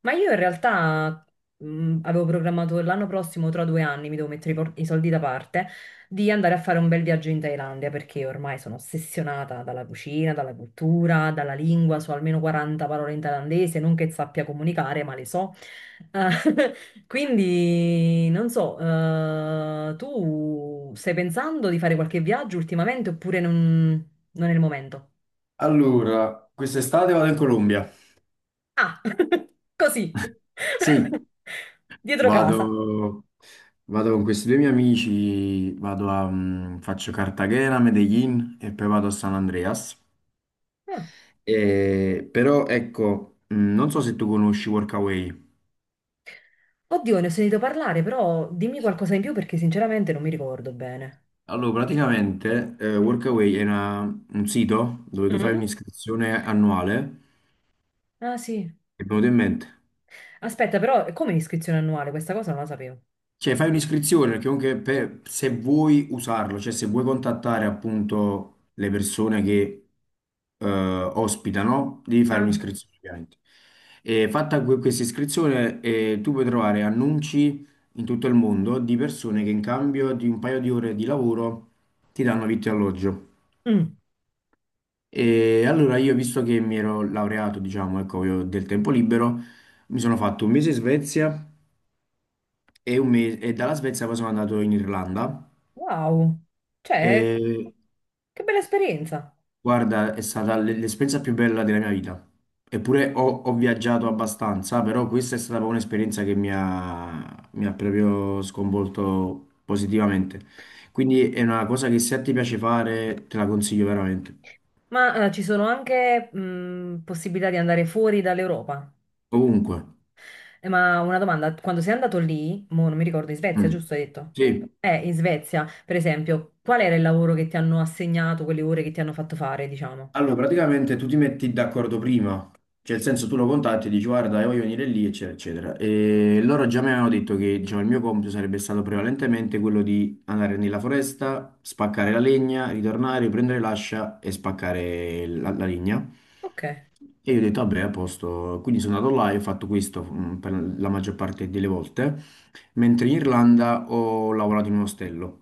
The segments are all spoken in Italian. Ma io in realtà avevo programmato per l'anno prossimo, tra due anni, mi devo mettere i, i soldi da parte, di andare a fare un bel viaggio in Thailandia perché ormai sono ossessionata dalla cucina, dalla cultura, dalla lingua, so almeno 40 parole in thailandese, non che sappia comunicare, ma le so. Eh, quindi non so, tu stai pensando di fare qualche viaggio ultimamente oppure non è il momento? Allora, quest'estate vado in Colombia. Ah, così, Sì, dietro casa. Vado, vado con questi due miei amici, vado a, faccio Cartagena, Medellin e poi vado a San Andreas. Ah. Però ecco, non so se tu conosci Workaway. Oddio, ne ho sentito parlare, però dimmi qualcosa in più perché sinceramente non mi ricordo bene. Allora, praticamente Workaway è un sito dove tu fai Mm? un'iscrizione annuale, Ah sì. che è venuto in mente? Aspetta, però come iscrizione annuale? Questa cosa non la sapevo. Cioè, fai un'iscrizione perché comunque se vuoi usarlo, cioè se vuoi contattare appunto le persone che ospitano, devi fare Ah. un'iscrizione ovviamente. E fatta questa iscrizione, tu puoi trovare annunci in tutto il mondo di persone che in cambio di un paio di ore di lavoro ti danno vitto e alloggio. Mm. E allora io, visto che mi ero laureato, diciamo, ecco, io ho del tempo libero, mi sono fatto un mese in Svezia e, un mese, e dalla Svezia poi sono andato in Irlanda. Wow. Cioè, E, che bella esperienza. guarda, è stata l'esperienza più bella della mia vita. Eppure ho viaggiato abbastanza, però questa è stata proprio un'esperienza che mi ha proprio sconvolto positivamente. Quindi è una cosa che se ti piace fare, te la consiglio veramente. Ma ci sono anche possibilità di andare fuori dall'Europa. Ovunque. Ma una domanda, quando sei andato lì, mo non mi ricordo, in Svezia, Mm. giusto hai detto? Sì. In Svezia, per esempio, qual era il lavoro che ti hanno assegnato, quelle ore che ti hanno fatto fare, diciamo? Allora, praticamente tu ti metti d'accordo prima, cioè nel senso tu lo contatti e dici guarda, io voglio venire lì, eccetera, eccetera. E loro già mi avevano detto che diciamo, il mio compito sarebbe stato prevalentemente quello di andare nella foresta, spaccare la legna, ritornare, prendere l'ascia e spaccare la legna. Ok. E io ho detto, vabbè, a posto. Quindi sono andato là e ho fatto questo per la maggior parte delle volte, mentre in Irlanda ho lavorato in un ostello.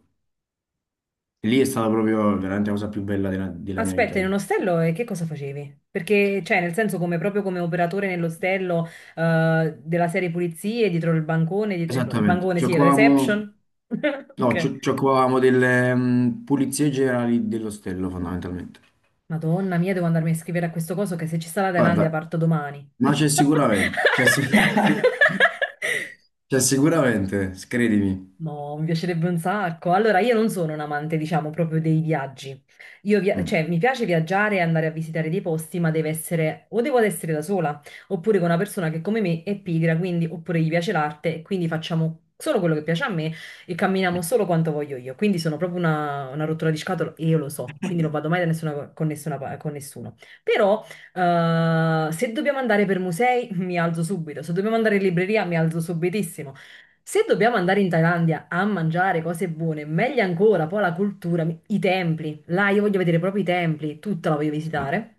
E lì è stata proprio veramente la cosa più bella della mia vita. Aspetta, in un ostello e che cosa facevi? Perché, cioè, nel senso, come proprio come operatore nell'ostello della serie pulizie, dietro il bancone, no, il Esattamente, bancone, sì, la giocavamo, reception. no, Ok. Giocavamo delle pulizie generali dell'ostello fondamentalmente. Madonna mia, devo andarmi a scrivere a questo coso che se ci sta la Thailandia Guarda, parto domani. ma c'è sicuramente, c'è sicuramente, credimi. No, mi piacerebbe un sacco. Allora, io non sono un amante, diciamo, proprio dei viaggi. Mm. Cioè, mi piace viaggiare e andare a visitare dei posti, ma deve essere, o devo ad essere da sola, oppure con una persona che come me è pigra, quindi, oppure gli piace l'arte, e quindi facciamo solo quello che piace a me e camminiamo solo quanto voglio io. Quindi sono proprio una rottura di scatole e io lo so, quindi non vado mai da con nessuno. Però, se dobbiamo andare per musei, mi alzo subito. Se dobbiamo andare in libreria, mi alzo subitissimo. Se dobbiamo andare in Thailandia a mangiare cose buone, meglio ancora, poi la cultura, i templi. Là io voglio vedere proprio i templi, tutta la voglio Ma- visitare.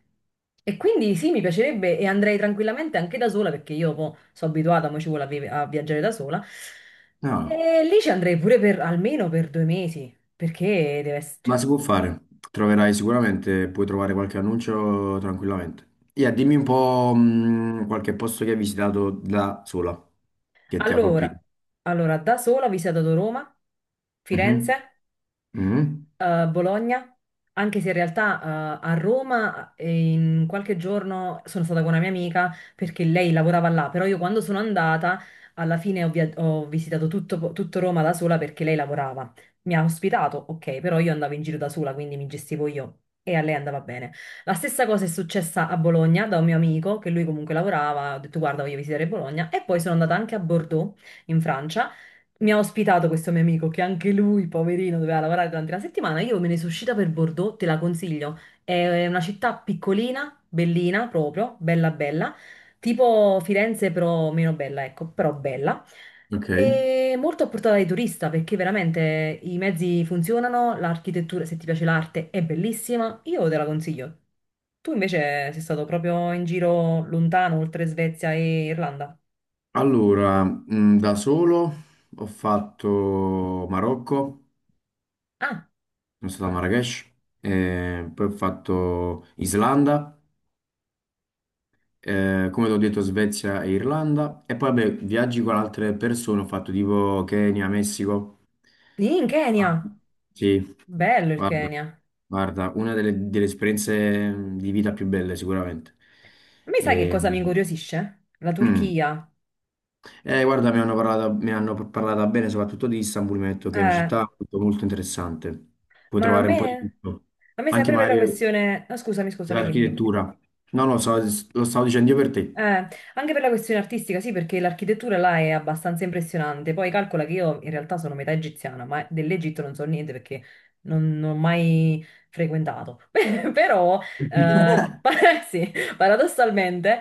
E quindi sì, mi piacerebbe e andrei tranquillamente anche da sola perché io poi sono abituata, mo ci vuole a viaggiare da sola. No, E lì ci andrei pure per almeno per due mesi, perché deve ma essere. si può fare, troverai sicuramente, puoi trovare qualche annuncio tranquillamente. Yeah, dimmi un po' qualche posto che hai visitato da sola, che ti ha colpito. Allora, allora, da sola ho visitato Roma, Mhm, Firenze, mhm, Bologna, anche se in realtà a Roma in qualche giorno sono stata con una mia amica perché lei lavorava là, però io quando sono andata alla fine ho visitato tutto Roma da sola perché lei lavorava. Mi ha ospitato, ok, però io andavo in giro da sola, quindi mi gestivo io e a lei andava bene. La stessa cosa è successa a Bologna da un mio amico che lui comunque lavorava, ho detto guarda voglio visitare Bologna e poi sono andata anche a Bordeaux in Francia. Mi ha ospitato questo mio amico che anche lui, poverino, doveva lavorare durante la settimana. Io me ne sono uscita per Bordeaux, te la consiglio. È una città piccolina, bellina proprio, bella bella, tipo Firenze però meno bella, ecco, però bella. ok. È molto a portata di turista perché veramente i mezzi funzionano, l'architettura, se ti piace l'arte, è bellissima, io te la consiglio. Tu invece sei stato proprio in giro lontano, oltre Svezia e Irlanda. Allora, da solo ho fatto Marocco, Ah, sono stato a Marrakech, poi ho fatto Islanda, come ti ho detto Svezia e Irlanda, e poi vabbè, viaggi con altre persone, ho fatto tipo Kenya, Messico. in Ah, Kenya! sì, Bello il guarda, Kenya. A guarda, una delle esperienze di vita più belle sicuramente. me sai che E, cosa mi incuriosisce? La mm, Turchia. eh, guarda, mi hanno parlato bene soprattutto di Istanbul, mi hanno detto che è una Eh, città molto, molto interessante. Puoi ma trovare un po' di tutto, a me anche sempre per la magari questione... ah, scusami, scusami, dimmi, dimmi. dell'architettura. No. Lo stavo dicendo io per te. Eh, anche per la questione artistica, sì, perché l'architettura là è abbastanza impressionante. Poi calcola che io in realtà sono metà egiziana, ma dell'Egitto non so niente perché non ho mai frequentato. Però, sì, paradossalmente,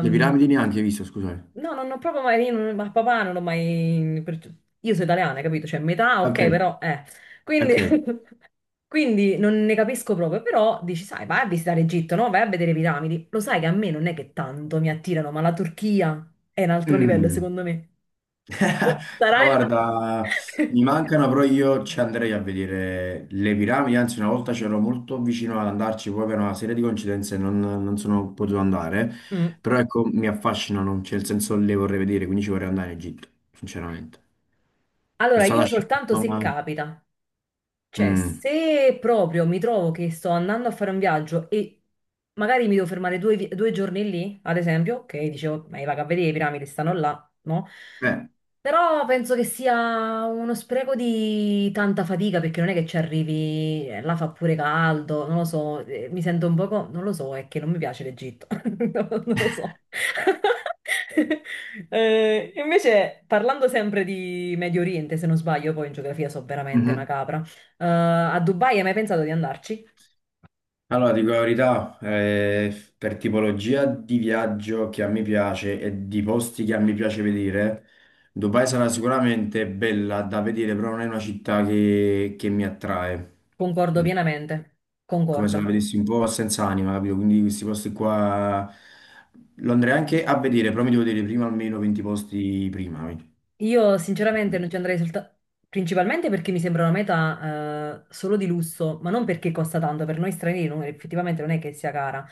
Le piramidi neanche hai visto, scusate. no, non ho proprio mai, io non- ma papà non ho mai, io sono italiana, capito? Cioè, metà, Ok, ok, però, eh. Quindi, ok. quindi non ne capisco proprio, però dici, sai, vai a visitare Egitto, no? Vai a vedere le piramidi. Lo sai che a me non è che tanto mi attirano, ma la Turchia è un altro livello, Mm. secondo me. Oh, Però Sarai là. guarda, mi mancano, però io ci andrei a vedere le piramidi, anzi una volta c'ero molto vicino ad andarci, poi per una serie di coincidenze non sono potuto andare, Mm. però ecco, mi affascinano, cioè nel senso le vorrei vedere, quindi ci vorrei andare in Egitto, sinceramente. Sono Allora, stato io a soltanto Sharm, se ma... capita. Cioè, mm, se proprio mi trovo che sto andando a fare un viaggio e magari mi devo fermare due giorni lì, ad esempio, ok, dicevo, ma io vado a vedere le piramidi, stanno là, no? beh, Però penso che sia uno spreco di tanta fatica perché non è che ci arrivi, là fa pure caldo, non lo so, mi sento un poco, non lo so, è che non mi piace l'Egitto, non lo so. Invece, parlando sempre di Medio Oriente, se non sbaglio, poi in geografia so veramente una mhm. capra, a Dubai hai mai pensato di andarci? Allora, dico la verità, per tipologia di viaggio che a me piace e di posti che a me piace vedere, Dubai sarà sicuramente bella da vedere, però non è una città che mi attrae, Concordo pienamente, come se la concordo. vedessi un po' senza anima, capito? Quindi questi posti qua lo andrei anche a vedere, però mi devo vedere prima almeno 20 posti prima. Quindi. Io sinceramente non ci andrei soltanto principalmente perché mi sembra una meta solo di lusso, ma non perché costa tanto, per noi stranieri effettivamente non è che sia cara,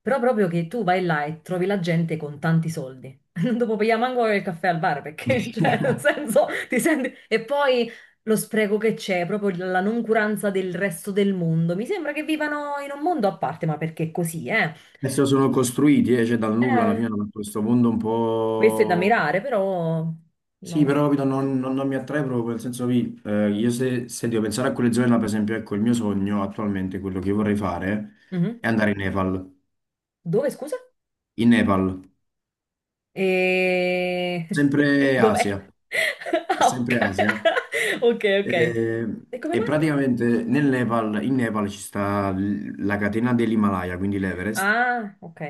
però proprio che tu vai là e trovi la gente con tanti soldi. Non dopo pagare manco il caffè al bar perché, cioè, nel senso, ti senti... E poi lo spreco che c'è, proprio la noncuranza del resto del mondo. Mi sembra che vivano in un mondo a parte, ma perché è così, eh? Adesso sono costruiti, cioè dal nulla alla Eh, fine hanno fatto questo mondo un questo è da po'. mirare, però... Sì, No. però capito, non mi attrae proprio, nel senso che io se devo pensare a quelle zone là, per esempio, ecco, il mio sogno attualmente, quello che vorrei fare, Mhm. è andare in Nepal. Dove, scusa? In Nepal, E... sempre Dov'è? Asia, è Ah, sempre ok, Asia. ok. Eh, E come E, mai? praticamente nel Nepal, in Nepal ci sta la catena dell'Himalaya, quindi l'Everest. Ah, ok.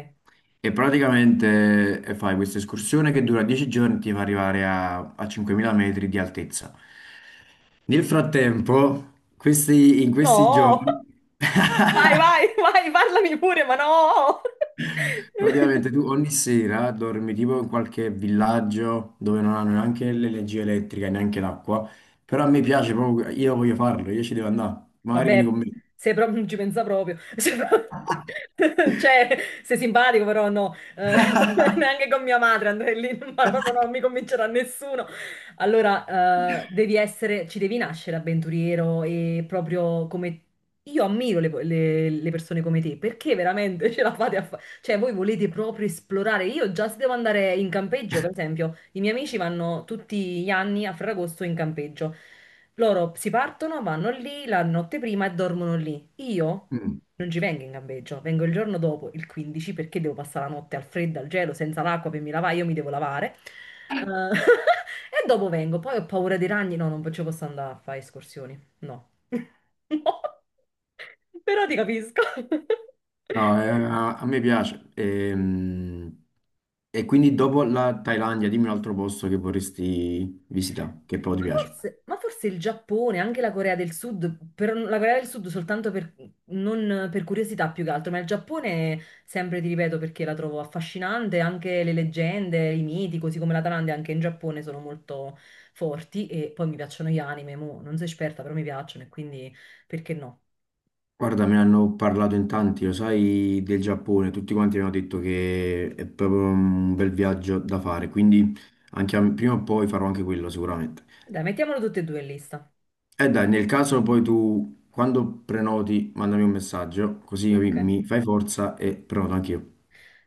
E praticamente fai questa escursione che dura 10 giorni e ti fa arrivare a, a 5.000 metri di altezza. Nel frattempo, in questi No! giorni, Vai, vai, vai, parlami pure, ma no! praticamente tu ogni sera dormi tipo in qualche villaggio dove non hanno neanche l'energia elettrica e neanche l'acqua, però a me piace proprio, io voglio farlo, io ci devo andare, magari vieni Vabbè, con me. se proprio non ci pensa proprio. Se pro- Cioè, sei simpatico, però no. Neanche con mia madre andrei lì, ma proprio non mi convincerà nessuno. Allora, devi essere, ci devi nascere avventuriero e proprio come... Io ammiro le, le persone come te, perché veramente ce la fate a fare? Cioè, voi volete proprio esplorare. Io già se devo andare in campeggio, per esempio. I miei amici vanno tutti gli anni a Ferragosto in campeggio. Loro si partono, vanno lì la notte prima e dormono lì. Io Mm. non ci vengo in campeggio, vengo il giorno dopo, il 15, perché devo passare la notte al freddo, al gelo, senza l'acqua per mi lavare, io mi devo lavare. Eh, e dopo vengo, poi ho paura dei ragni, no, non ci posso andare a fare escursioni, no. No. Però ti capisco. No, a me piace. E, quindi dopo la Thailandia, dimmi un altro posto che vorresti visitare, che poi ti piace. Ma forse il Giappone, anche la Corea del Sud, la Corea del Sud soltanto per, non per curiosità più che altro, ma il Giappone sempre ti ripeto perché la trovo affascinante, anche le leggende, i miti, così come la Thailandia, anche in Giappone sono molto forti e poi mi piacciono gli anime, mo, non sono esperta però mi piacciono e quindi perché no? Guarda, me ne hanno parlato in tanti, lo sai, del Giappone, tutti quanti mi hanno detto che è proprio un bel viaggio da fare, quindi prima o poi farò anche quello sicuramente. Dai, mettiamolo tutte e due in lista. E dai, nel caso poi tu, quando prenoti, mandami un messaggio, così Ok, mi fai forza e prenoto anch'io.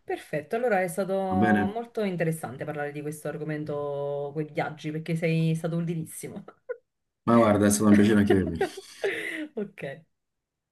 perfetto, allora è stato Va bene? molto interessante parlare di questo argomento con i viaggi perché sei stato utilissimo. Ma guarda, è stato un piacere anche per me. Ok.